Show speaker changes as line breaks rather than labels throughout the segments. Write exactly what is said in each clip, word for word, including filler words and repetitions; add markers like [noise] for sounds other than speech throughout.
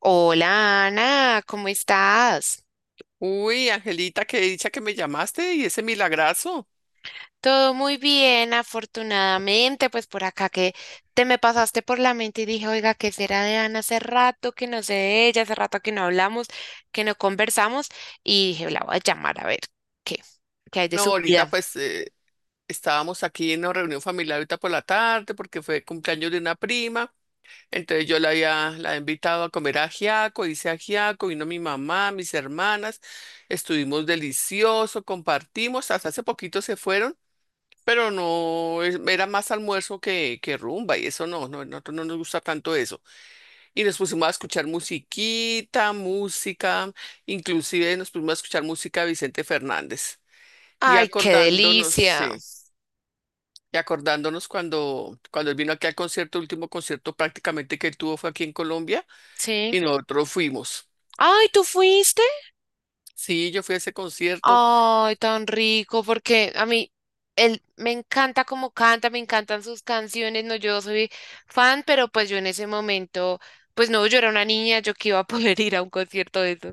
Hola Ana, ¿cómo estás?
Uy, Angelita, qué dicha que me llamaste y ese milagrazo.
Todo muy bien, afortunadamente, pues por acá que te me pasaste por la mente y dije, oiga, ¿qué será de Ana? Hace rato que no sé de ella, hace rato que no hablamos, que no conversamos y dije, la voy a llamar a ver qué, qué hay de
No,
su
ahorita
vida.
pues eh, estábamos aquí en una reunión familiar ahorita por la tarde porque fue cumpleaños de una prima. Entonces yo la había la he invitado a comer ajiaco, hice ajiaco, vino mi mamá, mis hermanas, estuvimos delicioso, compartimos, hasta hace poquito se fueron, pero no es- era más almuerzo que, que rumba y eso no, no, nosotros no nos gusta tanto eso. Y nos pusimos a escuchar musiquita, música, inclusive nos pusimos a escuchar música de Vicente Fernández. Y
Ay, qué
acordándonos,
delicia.
sí, y acordándonos cuando, cuando él vino aquí al concierto, el último concierto prácticamente que él tuvo fue aquí en Colombia
Sí.
y nosotros fuimos.
Ay, ¿tú fuiste?
Sí, yo fui a ese concierto.
Ay, tan rico, porque a mí él me encanta cómo canta, me encantan sus canciones, no, yo soy fan, pero pues yo en ese momento, pues no, yo era una niña, yo que iba a [laughs] poder ir a un concierto de eso.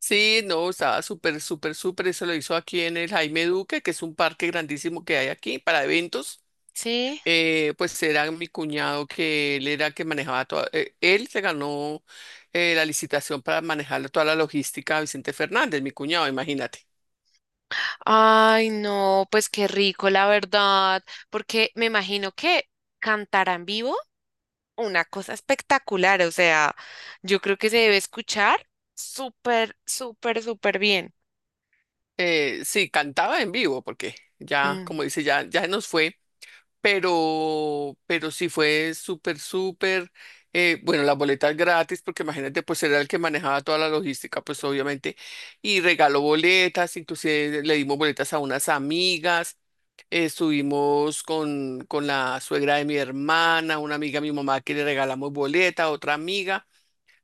Sí, no, estaba súper, súper, súper. Eso lo hizo aquí en el Jaime Duque, que es un parque grandísimo que hay aquí para eventos.
Sí.
Eh, pues era mi cuñado que él era que manejaba toda, eh, él se ganó eh, la licitación para manejar toda la logística a Vicente Fernández, mi cuñado, imagínate.
Ay, no, pues qué rico, la verdad, porque me imagino que cantar en vivo, una cosa espectacular, o sea, yo creo que se debe escuchar súper, súper, súper bien.
Eh, sí, cantaba en vivo porque ya,
Mm.
como dice, ya, ya se nos fue, pero, pero sí fue súper, súper, eh, bueno, las boletas gratis porque imagínate, pues era el que manejaba toda la logística, pues obviamente, y regaló boletas, inclusive le dimos boletas a unas amigas. Estuvimos con, con la suegra de mi hermana, una amiga de mi mamá que le regalamos boleta, otra amiga.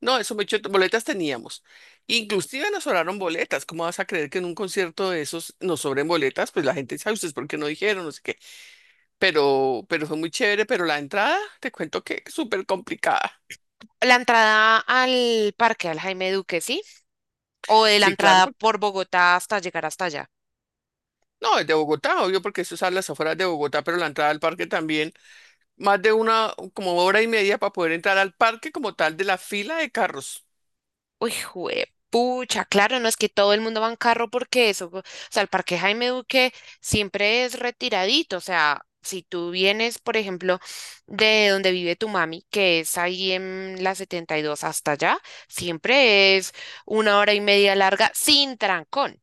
No, eso me echó, boletas teníamos. Inclusive nos sobraron boletas. ¿Cómo vas a creer que en un concierto de esos nos sobren boletas? Pues la gente dice, ay, ¿ustedes por qué no dijeron? No sé qué. Pero, pero fue muy chévere, pero la entrada, te cuento que es súper complicada.
La entrada al parque, al Jaime Duque, ¿sí? O de la
Sí, claro,
entrada
porque,
por Bogotá hasta llegar hasta allá.
no, es de Bogotá, obvio, porque eso es a las afueras de Bogotá, pero la entrada al parque también, más de una, como hora y media para poder entrar al parque como tal de la fila de carros.
Uy, jue- pucha, claro, no es que todo el mundo va en carro porque eso, o sea, el Parque Jaime Duque siempre es retiradito, o sea, si tú vienes, por ejemplo, de donde vive tu mami, que es ahí en la setenta y dos hasta allá, siempre es una hora y media larga sin trancón.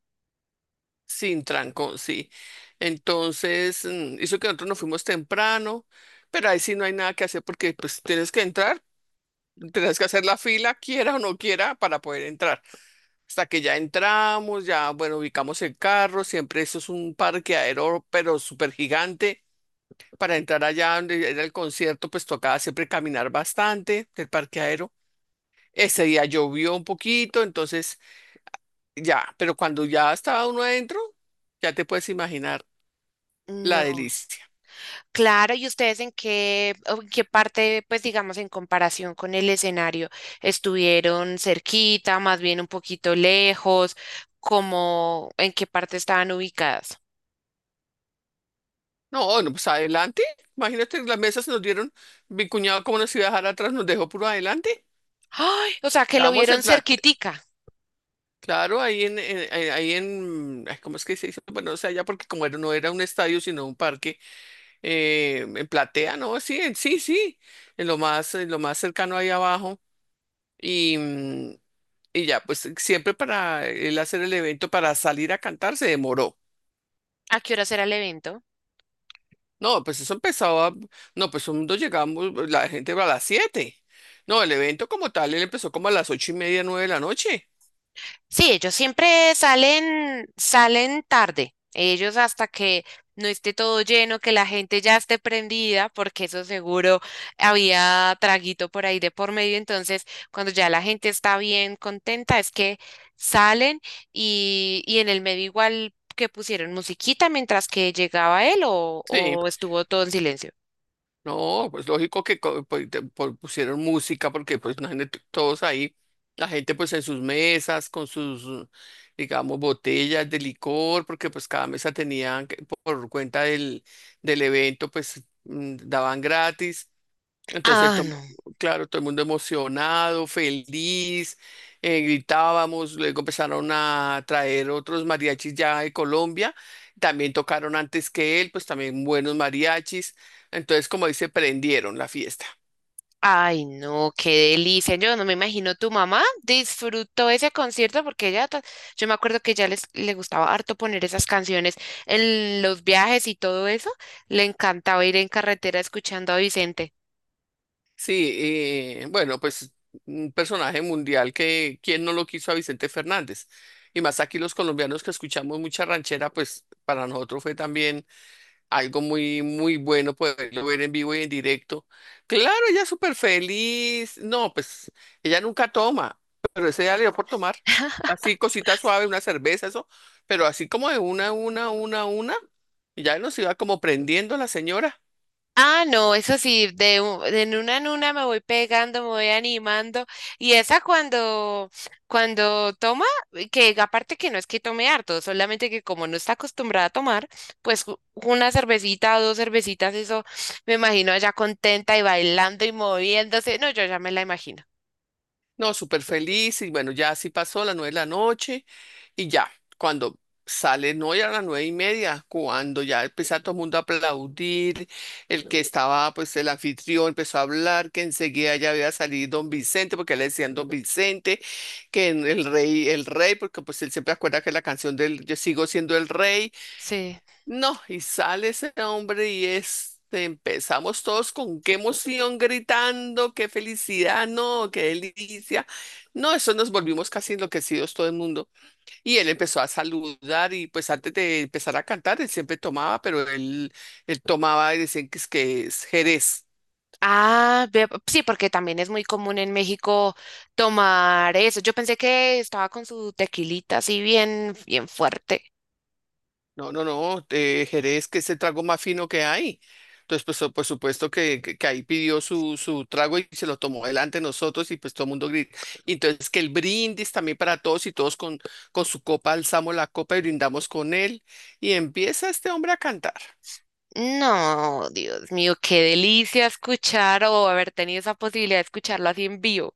Sin trancón, sí. Entonces, mm, hizo que nosotros nos fuimos temprano, pero ahí sí no hay nada que hacer porque pues tienes que entrar, tienes que hacer la fila, quiera o no quiera, para poder entrar. Hasta que ya entramos, ya, bueno, ubicamos el carro, siempre eso es un parqueadero, pero súper gigante. Para entrar allá donde era el concierto, pues tocaba siempre caminar bastante del parqueadero. Ese día llovió un poquito, entonces ya, pero cuando ya estaba uno adentro, ya te puedes imaginar. La
No.
delicia.
Claro, ¿y ustedes en qué, o en qué parte, pues digamos, en comparación con el escenario, estuvieron cerquita, más bien un poquito lejos, como en qué parte estaban ubicadas?
No, no, pues adelante. Imagínate, las mesas se nos dieron, mi cuñado como nos iba a dejar atrás, nos dejó puro adelante.
Ay, o sea, que lo
Estábamos en
vieron
plata.
cerquitica.
Claro, ahí en, en- eh, ahí en, ay, ¿cómo es que se dice? Bueno, o sea, ya porque como era- no era un estadio, sino un parque, eh, en platea, ¿no? Sí, en- sí, sí, en lo más, en lo más cercano ahí abajo. Y, mm, y ya, pues siempre para él hacer el evento, para salir a cantar, se demoró.
¿A qué horas era el evento?
No, pues eso empezaba, no, pues cuando llegamos, pues, la gente va a las siete. No, el evento como tal, él empezó como a las ocho y media, nueve de la noche.
Sí, ellos siempre salen, salen tarde. Ellos hasta que no esté todo lleno, que la gente ya esté prendida, porque eso seguro había traguito por ahí de por medio. Entonces, cuando ya la gente está bien contenta, es que salen y, y en el medio igual que pusieron musiquita mientras que llegaba él o,
Sí.
o estuvo todo en silencio.
No, pues lógico que co- pues, te- po- pusieron música porque pues imagínate todos ahí, la gente pues en sus mesas con sus, digamos, botellas de licor, porque pues cada mesa tenían que- por cuenta del, del evento pues mm, daban gratis entonces,
Ah,
to-
no.
claro, todo el mundo emocionado, feliz, eh, gritábamos, luego empezaron a traer otros mariachis ya de Colombia, también tocaron antes que él, pues también buenos mariachis, entonces como dice, prendieron la fiesta.
Ay, no, qué delicia. Yo no me imagino tu mamá disfrutó ese concierto porque ella, ta- yo me acuerdo que ya les le gustaba harto poner esas canciones en los viajes y todo eso. Le encantaba ir en carretera escuchando a Vicente.
Sí, eh, bueno, pues un personaje mundial que, ¿quién no lo quiso a Vicente Fernández? Y más aquí los colombianos que escuchamos mucha ranchera, pues para nosotros fue también algo muy, muy bueno poderlo ver en vivo y en directo. Claro, ella súper feliz. No, pues ella nunca toma, pero ese día le dio por tomar. Así, cosita suave, una cerveza, eso, pero así como de una, una, una, una, y ya nos iba como prendiendo la señora.
Ah, no, eso sí, de, u- de una en una me voy pegando, me voy animando. Y esa cuando, cuando toma, que aparte que no es que tome harto, solamente que como no está acostumbrada a tomar, pues u- una cervecita o dos cervecitas, eso me imagino allá contenta y bailando y moviéndose. No, yo ya me la imagino.
No, súper feliz y bueno, ya así pasó las nueve de la noche y ya, cuando sale, no, ya a las nueve y media, cuando ya empezó todo el mundo a aplaudir, el que estaba, pues el anfitrión empezó a hablar, que enseguida ya había salido don Vicente, porque le decían don Vicente, que en el rey, el rey, porque pues él siempre acuerda que la canción del Yo sigo siendo el rey,
Sí.
no, y sale ese hombre y este, empezamos todos con qué emoción gritando, qué felicidad, no, qué delicia. No, eso nos volvimos casi enloquecidos todo el mundo. Y él empezó a saludar y pues antes de empezar a cantar, él siempre tomaba, pero él, él tomaba y decían que es, que es, Jerez.
Ah, ve- sí, porque también es muy común en México tomar eso. Yo pensé que estaba con su tequilita así bien, bien fuerte.
No, no, no, eh, Jerez, que es el trago más fino que hay. Entonces, pues, so- por supuesto que, que, que ahí pidió su, su trago y se lo tomó delante de nosotros y pues todo el mundo grita. Y entonces, que el brindis también para todos y todos con, con su copa, alzamos la copa y brindamos con él. Y empieza este hombre a cantar.
No, Dios mío, qué delicia escuchar o haber tenido esa posibilidad de escucharlo así en vivo.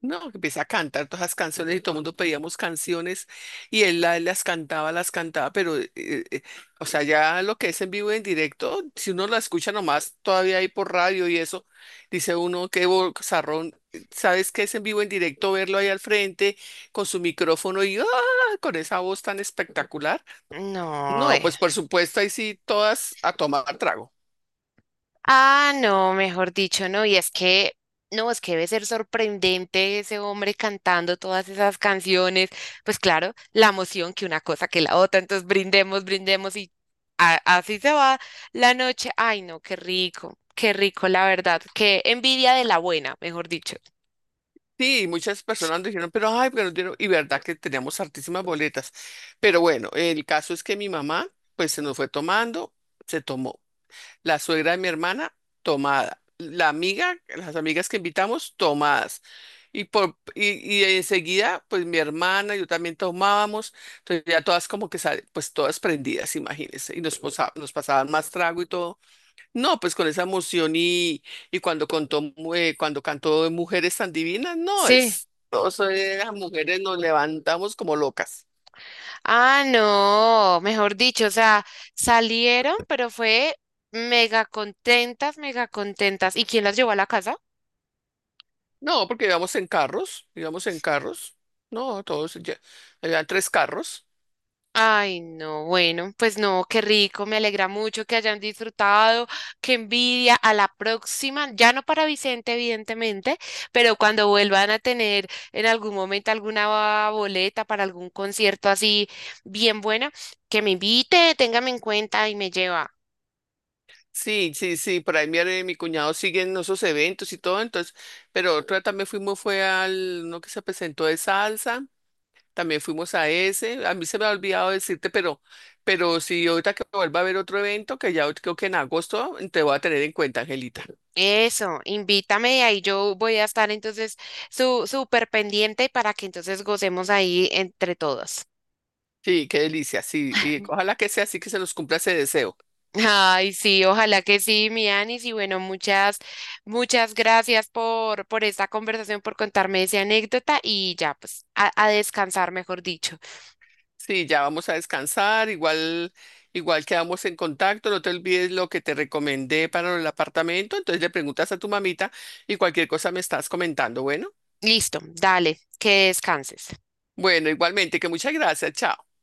No, que empieza a cantar todas las canciones y todo el mundo pedíamos canciones y él la- las cantaba, las cantaba, pero, eh, eh, eh, o sea, ya lo que es en vivo y en directo, si uno la escucha nomás todavía ahí por radio y eso, dice uno, qué bozarrón, eh, ¿sabes qué es en vivo y en directo verlo ahí al frente con su micrófono y ¡ah! Con esa voz tan espectacular?
No,
No,
eh.
pues por supuesto, ahí sí, todas a tomar trago.
Ah, no, mejor dicho, no. Y es que, no, es que debe ser sorprendente ese hombre cantando todas esas canciones. Pues claro, la emoción que una cosa que la otra. Entonces brindemos, brindemos y a- así se va la noche. Ay, no, qué rico, qué rico, la verdad. Qué envidia de la buena, mejor dicho.
Sí, muchas personas dijeron, pero ay, pero no dieron- y verdad que teníamos hartísimas boletas. Pero bueno, el caso es que mi mamá, pues se nos fue tomando, se tomó. La suegra de mi hermana, tomada. La amiga, las amigas que invitamos, tomadas. Y, por, y, y enseguida, pues mi hermana, yo también tomábamos. Entonces ya todas como que, sal- pues todas prendidas, imagínense. Y nos, posa- nos pasaban más trago y todo. No, pues con esa emoción y, y cuando contó, mu- eh, cuando cantó Mujeres tan divinas, no
Sí.
es. Todas las mujeres nos levantamos como locas.
Ah, no, mejor dicho, o sea, salieron, pero fue mega contentas, mega contentas. ¿Y quién las llevó a la casa?
No, porque íbamos en carros, íbamos en carros. No, todos, ya, habían tres carros.
Ay, no, bueno, pues no, qué rico, me alegra mucho que hayan disfrutado, qué envidia. A la próxima, ya no para Vicente, evidentemente, pero cuando vuelvan a tener en algún momento alguna boleta para algún concierto así bien buena, que me invite, téngame en cuenta y me lleva.
Sí, sí, sí, por ahí mi, are- mi cuñado sigue en esos eventos y todo, entonces, pero otra también fuimos fue al, uno que se presentó de salsa. También fuimos a ese. A mí se me ha olvidado decirte, pero, pero si ahorita que vuelva a haber otro evento, que ya creo que en agosto te voy a tener en cuenta, Angelita.
Eso, invítame y ahí yo voy a estar entonces su, súper pendiente para que entonces gocemos ahí entre todos.
Sí, qué delicia. Sí, y ojalá que sea así que se nos cumpla ese deseo.
Ay, sí, ojalá que sí, mi Anis. Y bueno, muchas, muchas gracias por, por esta conversación, por contarme esa anécdota y ya, pues, a, a descansar, mejor dicho.
Sí, ya vamos a descansar. Igual, igual quedamos en contacto. No te olvides lo que te recomendé para el apartamento. Entonces le preguntas a tu mamita y cualquier cosa me estás comentando. Bueno,
Listo, dale, que descanses.
bueno, igualmente, que muchas gracias. Chao.